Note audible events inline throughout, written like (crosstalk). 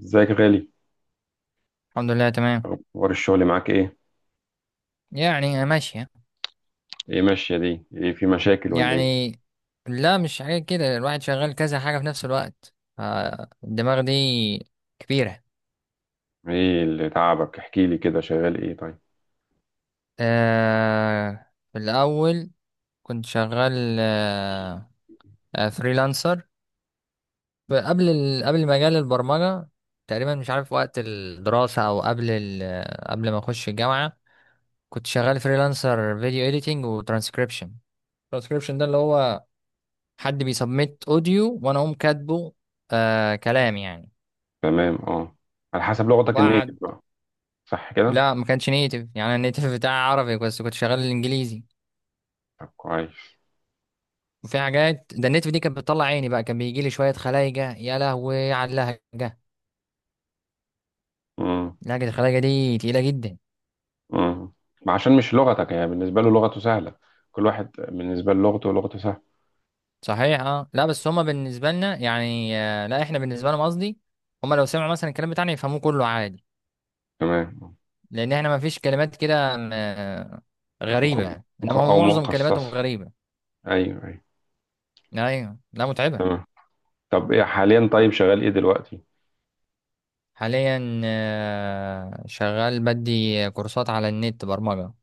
ازيك يا غالي؟ الحمد لله تمام. اخبار الشغل معاك ايه؟ يعني ماشية يعني. ايه ماشيه دي؟ ايه، في مشاكل ولا ايه؟ يعني. لا، مش حاجة كده، الواحد شغال كذا حاجة في نفس الوقت، فالدماغ دي كبيرة. ايه اللي تعبك؟ احكي لي كده، شغال ايه طيب؟ آه، في الأول كنت شغال فريلانسر قبل قبل مجال البرمجة. تقريبا مش عارف، وقت الدراسة أو قبل قبل ما أخش الجامعة كنت شغال فريلانسر فيديو إيديتنج وترانسكريبشن. الترانسكريبشن ده اللي هو حد بيسبميت اوديو وانا اقوم كاتبه، كلام يعني. تمام، اه. على حسب لغتك النيتف وبعد بقى. صح كده؟ لا، ما كانش نيتف، يعني أنا النيتف بتاعي عربي بس كنت شغال الانجليزي. طب كويس. وفي حاجات، ده النيتف دي كانت بتطلع عيني بقى، كان بيجي لي شويه خلايجه، يا لهوي على اللهجه! امم. لهجه الخلايجه دي تقيله جدا. امم. ما عشان مش لغتك، يعني بالنسبه له لغته سهله. كل واحد بالنسبه له لغته سهله. صحيح اه، لا بس هما بالنسبه لنا يعني لا احنا بالنسبه لهم قصدي. هما لو سمعوا مثلا الكلام بتاعنا يفهموه كله عادي. تمام. لان احنا ما فيش كلمات كده آه، مخ... غريبه يعني. انما مخ... هما او معظم كلماتهم مخصصه. غريبه. ايوه، ايوه. ايوه، لا متعبه. تمام. طب ايه حاليا؟ طيب، شغال ايه دلوقتي؟ حاليا شغال بدي كورسات على النت برمجة.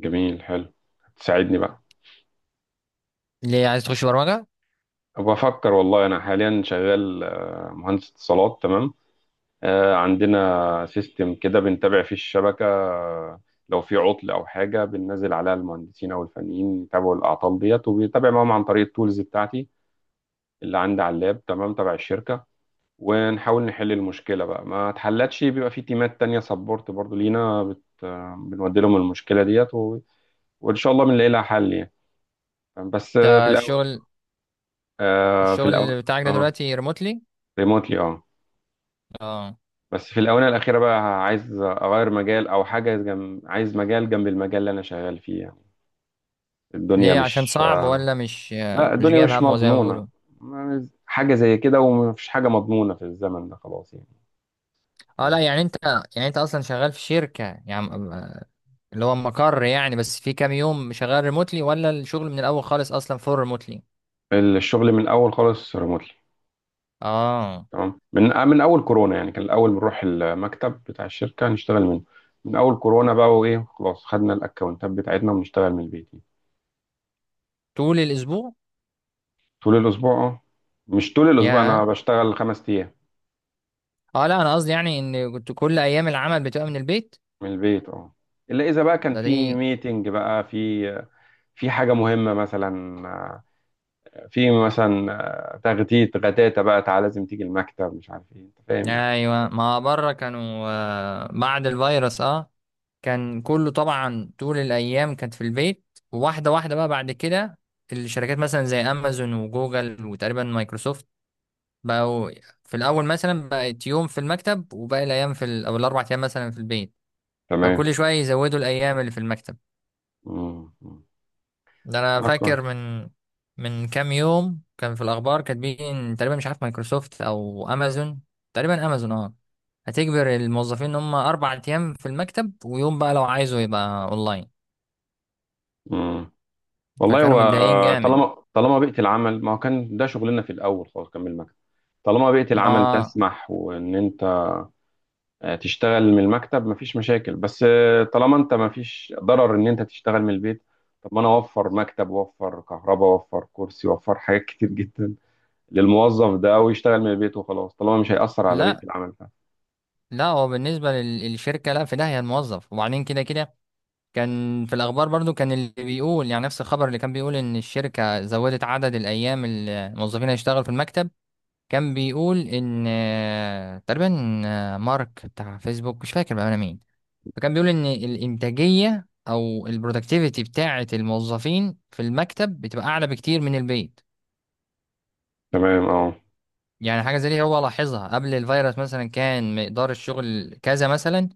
جميل، حلو. تساعدني بقى. ليه عايز تخش برمجة؟ بفكر والله، انا حاليا شغال مهندس اتصالات. تمام. عندنا سيستم كده بنتابع فيه الشبكة. لو في عطل أو حاجة بننزل عليها المهندسين أو الفنيين، يتابعوا الأعطال ديت وبيتابع معاهم عن طريق التولز بتاعتي اللي عندي على اللاب، تمام، تبع الشركة. ونحاول نحل المشكلة، بقى ما اتحلتش بيبقى في تيمات تانية سبورت برضو لينا، بت... آه، بنودي لهم المشكلة ديت و... وإن شاء الله بنلاقي لها حل يعني. بس، في ده الأول. الشغل آه، في الأول الشغل بتاعك ده اه، دلوقتي ريموتلي؟ ريموتلي، اه. اه. بس في الآونة الأخيرة بقى عايز أغير مجال أو حاجة جنب، عايز مجال جنب المجال اللي أنا شغال فيه يعني. الدنيا ليه، عشان مش صعب آه، ولا مش لا، مش الدنيا جايب مش همه زي ما مضمونة. بيقولوا؟ حاجة زي كده، ومفيش حاجة مضمونة في الزمن ده خلاص يعني. اه لا، تمام. يعني انت اصلا شغال في شركة يعني اللي هو مقر يعني، بس في كام يوم شغال ريموتلي ولا الشغل من الاول خالص اصلا فور ريموتلي؟ الشغل من الأول خالص ريموتلي. اه. تمام. من أول كورونا يعني كان الأول بنروح المكتب بتاع الشركة نشتغل منه. من أول كورونا بقى، وإيه خلاص خدنا الأكونتات بتاعتنا ونشتغل من البيت يعني. طول الاسبوع؟ طول الأسبوع، أه. مش طول الأسبوع، أنا يا بشتغل 5 أيام اه، لا انا قصدي يعني ان كنت كل ايام العمل بتبقى من البيت. من البيت، اه. الا اذا بقى كان ده في دي ميتنج، بقى في حاجه مهمه مثلا. آه، في مثلا تغتيت غتاتة بقى، تعالى لازم تيجي المكتب، مش عارف ايه، انت فاهم يعني. ايوه، ما بره كانوا بعد الفيروس اه. كان كله طبعا طول الايام كانت في البيت. وواحده واحده بقى بعد كده الشركات مثلا زي امازون وجوجل وتقريبا مايكروسوفت بقوا، في الاول مثلا بقت يوم في المكتب وباقي الايام في او الاربع ايام مثلا في البيت. تمام. فكل شويه يزودوا الايام اللي في المكتب. امم. ده انا ده فاكر كويس. من كام يوم كان في الاخبار كاتبين تقريبا، مش عارف مايكروسوفت او امازون، تقريبا امازون اه. هتجبر الموظفين ان هم اربع ايام في المكتب ويوم بقى لو عايزه يبقى اونلاين. امم. والله فكانوا هو متضايقين جامد. طالما بيئه العمل، ما هو كان ده شغلنا في الاول خالص، كان من المكتب. طالما بيئه العمل ما تسمح وان انت تشتغل من المكتب مفيش مشاكل. بس طالما انت مفيش ضرر ان انت تشتغل من البيت. طب ما انا اوفر مكتب واوفر كهرباء واوفر كرسي واوفر حاجات كتير جدا للموظف ده، او يشتغل من البيت وخلاص طالما مش هيأثر على بيئة لا العمل بتاعته. لا، هو بالنسبه للشركه لا، في داهيه الموظف وبعدين كده كده. كان في الاخبار برضو كان اللي بيقول يعني نفس الخبر اللي كان بيقول ان الشركه زودت عدد الايام اللي الموظفين هيشتغل في المكتب. كان بيقول ان تقريبا مارك بتاع فيسبوك، مش فاكر بقى انا مين. فكان بيقول ان الانتاجيه او البرودكتيفيتي بتاعه الموظفين في المكتب بتبقى اعلى بكتير من البيت. تمام، اه. يعني حاجه زي دي هو لاحظها قبل الفيروس مثلا كان مقدار الشغل كذا مثلا.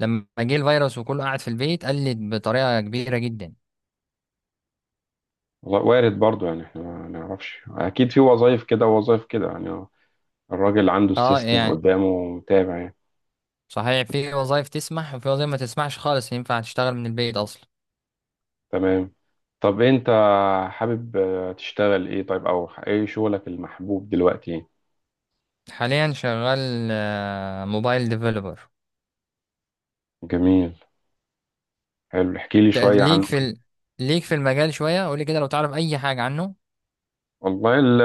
لما جه الفيروس وكله قاعد في البيت قلت بطريقه كبيره جدا. والله وارد برضو، يعني احنا ما نعرفش اكيد، في وظائف كده ووظائف كده يعني، اه. الراجل عنده اه السيستم يعني قدامه متابع يعني. صحيح، في وظائف تسمح وفي وظائف ما تسمحش خالص ينفع تشتغل من البيت اصلا. تمام. طب انت حابب تشتغل ايه طيب، او ايه شغلك المحبوب دلوقتي؟ حاليا شغال موبايل ديفلوبر. جميل، حلو، احكي لي شوية ليك عنه في كده. ليك في المجال شوية، قولي كده لو تعرف أي حاجة عنه. والله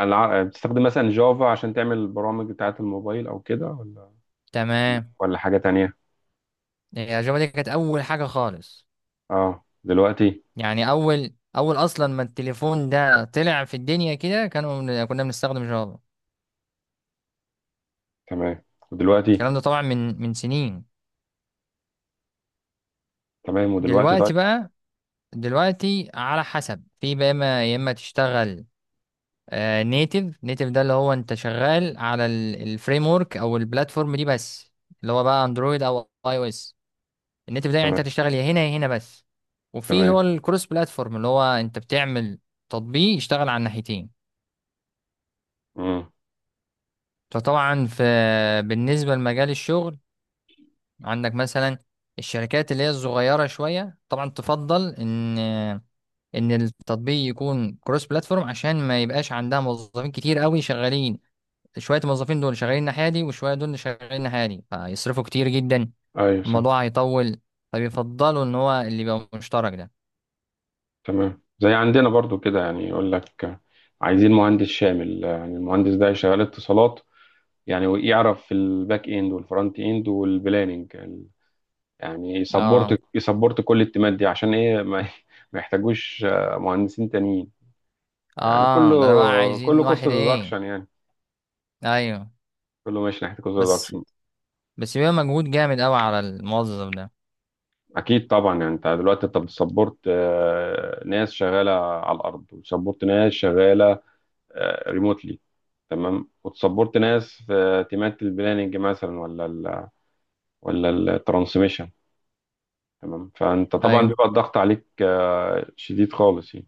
بتستخدم مثلا جافا عشان تعمل البرامج بتاعة الموبايل أو كده، ولا تمام، ولا حاجة تانية؟ الأجابة دي كانت أول حاجة خالص. اه، دلوقتي. يعني أول أصلا ما التليفون ده طلع في الدنيا كده كانوا كنا بنستخدم جافا. تمام، ودلوقتي. الكلام ده طبعا من سنين. تمام، ودلوقتي طيب. دلوقتي بقى دلوقتي على حسب في بقى، إما يا إما تشتغل نيتف. نيتف ده اللي هو أنت شغال على الفريم ورك أو البلاتفورم دي بس، اللي هو بقى أندرويد أو أي أو إس. ان انت بتاعي يعني تمام. انت هتشتغل يا هنا يا هنا بس. وفي اللي تمام. هو الكروس بلاتفورم، اللي هو انت بتعمل تطبيق يشتغل على الناحيتين. امم. فطبعا في، بالنسبه لمجال الشغل عندك مثلا الشركات اللي هي الصغيره شويه طبعا تفضل ان التطبيق يكون كروس بلاتفورم عشان ما يبقاش عندها موظفين كتير قوي شغالين. شويه الموظفين دول شغالين الناحيه دي وشويه دول شغالين الناحيه دي فيصرفوا كتير جدا. ايوه، صح. الموضوع هيطول. فبيفضلوا ان هو اللي يبقى مشترك ده. تمام. زي عندنا برضو كده، يعني يقول لك عايزين مهندس شامل، يعني المهندس ده شغال اتصالات، يعني، ويعرف في الباك اند والفرونت اند والبلاننج، يعني اه. يسبورت كل التيمات دي، عشان ايه، ما (laughs) ما يحتاجوش مهندسين تانيين. يعني كله اه. ده انا بقى كله عايزين كوست واحد ايه. ديدكشن يعني، ايوه. كله ماشي ناحيه كوست بس ديدكشن. بس بيبقى مجهود جامد قوي على الموظف ده. اكيد طبعا. يعني انت دلوقتي بتسبورت ناس شغاله على الارض، وتسبورت ناس شغاله ريموتلي. تمام. وتسبورت ناس في تيمات البلاننج مثلا، ولا الترانسميشن. تمام. فانت طبعا ايوه. بيبقى الضغط عليك شديد خالص يعني.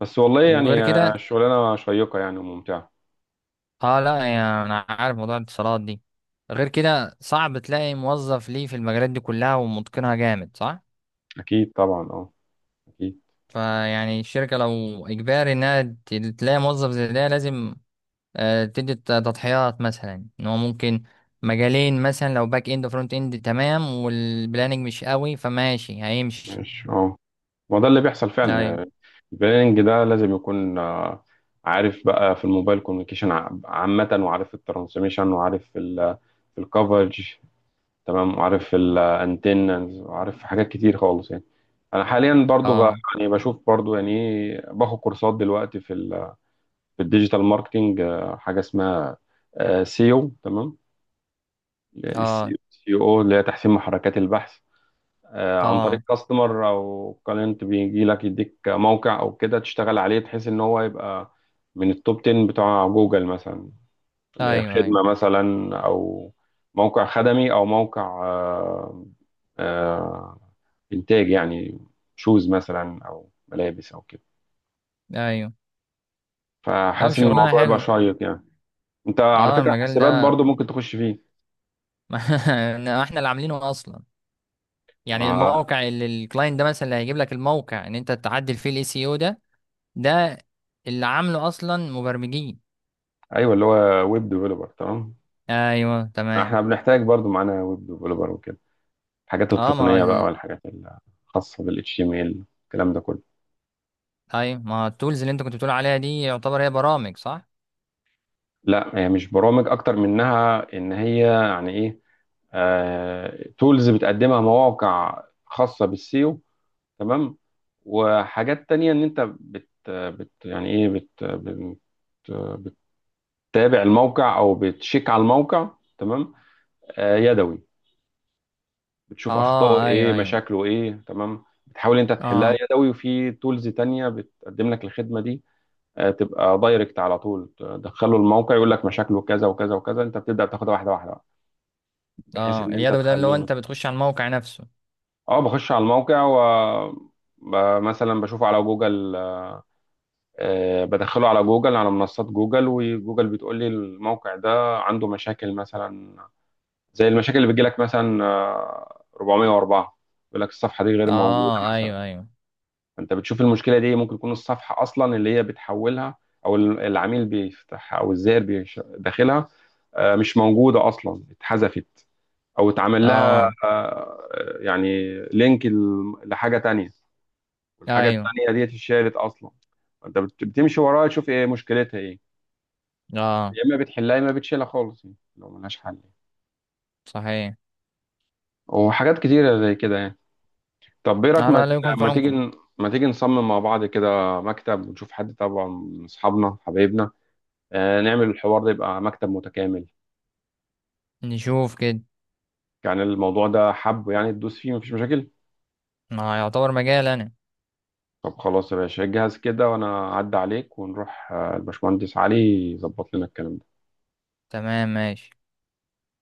بس والله وغير يعني كده الشغلانه شيقه يعني وممتعه. اه لا، يعني انا عارف موضوع الاتصالات دي، غير كده صعب تلاقي موظف ليه في المجالات دي كلها ومتقنها جامد صح. اكيد طبعا، اه. اكيد. فيعني الشركة لو اجباري انها تلاقي موظف زي ده لازم تدي تضحيات مثلا ان هو ممكن مجالين مثلا لو باك اند وفرونت اند تمام، والبلاننج مش قوي فماشي هيمشي. ماشي، اه. ما ده اللي بيحصل فعلا ايوه يعني. البلاننج ده لازم يكون عارف بقى في الموبايل كوميونيكيشن عامة، وعارف الترانسميشن، وعارف في الكفرج. تمام، وعارف الانتنز، وعارف حاجات كتير خالص يعني. انا حاليا برضو اه يعني بشوف برضو، يعني إيه، باخد كورسات دلوقتي في في الديجيتال ماركتنج. حاجة اسمها سيو، تمام. السي اه او اللي هي تحسين محركات البحث، عن طريق اه كاستمر او كلاينت بيجي لك يديك موقع او كده تشتغل عليه، بحيث ان هو يبقى من التوب 10 بتوع جوجل مثلا، ايوه ايوه لخدمة مثلا، او موقع خدمي، او موقع آه، انتاج يعني، شوز مثلا او ملابس او كده. ايوه. طب فحاسس ان شغلانه الموضوع يبقى حلوه. شيق يعني. انت على اه فكرة المجال حسابات ده، برضو ممكن تخش فيه. (laughs) ما احنا اللي عاملينه اصلا. يعني ما- الموقع اللي الكلاينت ده مثلا اللي هيجيب لك الموقع ان انت تعدل فيه الاي سي او ده، ده اللي عامله اصلا مبرمجين. ايوه، اللي هو ويب ديفلوبر، تمام. ايوه تمام. احنا بنحتاج برضو معانا ويب ديفلوبر وكده، الحاجات اه ما التقنية بقى، والحاجات الخاصة بال HTML، الكلام ده كله. ايوه ما التولز اللي انت كنت بتقول عليها دي يعتبر هي برامج صح. لا، هي مش برامج، أكتر منها إن هي يعني إيه، تولز بتقدمها مواقع خاصة بالسيو. تمام. وحاجات تانية إن أنت بت, بت يعني إيه بت, بت بتتابع الموقع أو بتشيك على الموقع. تمام. يدوي. بتشوف أخطائه اه ايوه إيه، ايوه. مشاكله إيه، تمام، بتحاول أنت تحلها اه يدوي، وفي تولز تانية بتقدم لك الخدمة دي. تبقى دايركت على طول تدخله الموقع، يقول لك مشاكله كذا وكذا وكذا، انت بتبدا تاخدها واحده واحده بقى، بحيث اه، ان انت اليدوي ده اللي تخليه هو انت بتخش على الموقع نفسه. اه، بخش على الموقع و مثلا بشوفه على جوجل. بدخله على جوجل، على منصات جوجل، وجوجل بتقول لي الموقع ده عنده مشاكل مثلا، زي المشاكل اللي بتجيلك مثلا، 404، يقول لك الصفحه دي غير موجوده اه مثلا. ايوه ايوه. انت بتشوف المشكله دي، ممكن تكون الصفحه اصلا اللي هي بتحولها، او العميل بيفتحها، او الزائر داخلها، مش موجوده اصلا، اتحذفت او اتعمل لها، اه يعني لينك لحاجه تانية، والحاجه ايوه التانية دي اتشالت اصلا. انت بتمشي وراها تشوف ايه مشكلتها، ايه، اه. يا اما بتحلها يا اما بتشيلها خالص يعني، لو ملهاش حل يعني. صحيح. وحاجات كتيره زي كده يعني. طب ايه رايك، لا لا، لا يكون في ما عمكم. تيجي ما تيجي نصمم مع بعض كده مكتب، ونشوف حد طبعا من اصحابنا حبايبنا، نعمل الحوار ده، يبقى مكتب متكامل. نشوف كده. يعني الموضوع ده حب، يعني تدوس فيه مفيش مشاكل. ما يعتبر مجال انا. طب خلاص يا باشا، جهز كده وانا اعدي عليك، ونروح الباشمهندس علي يظبط لنا الكلام ده. تمام ماشي.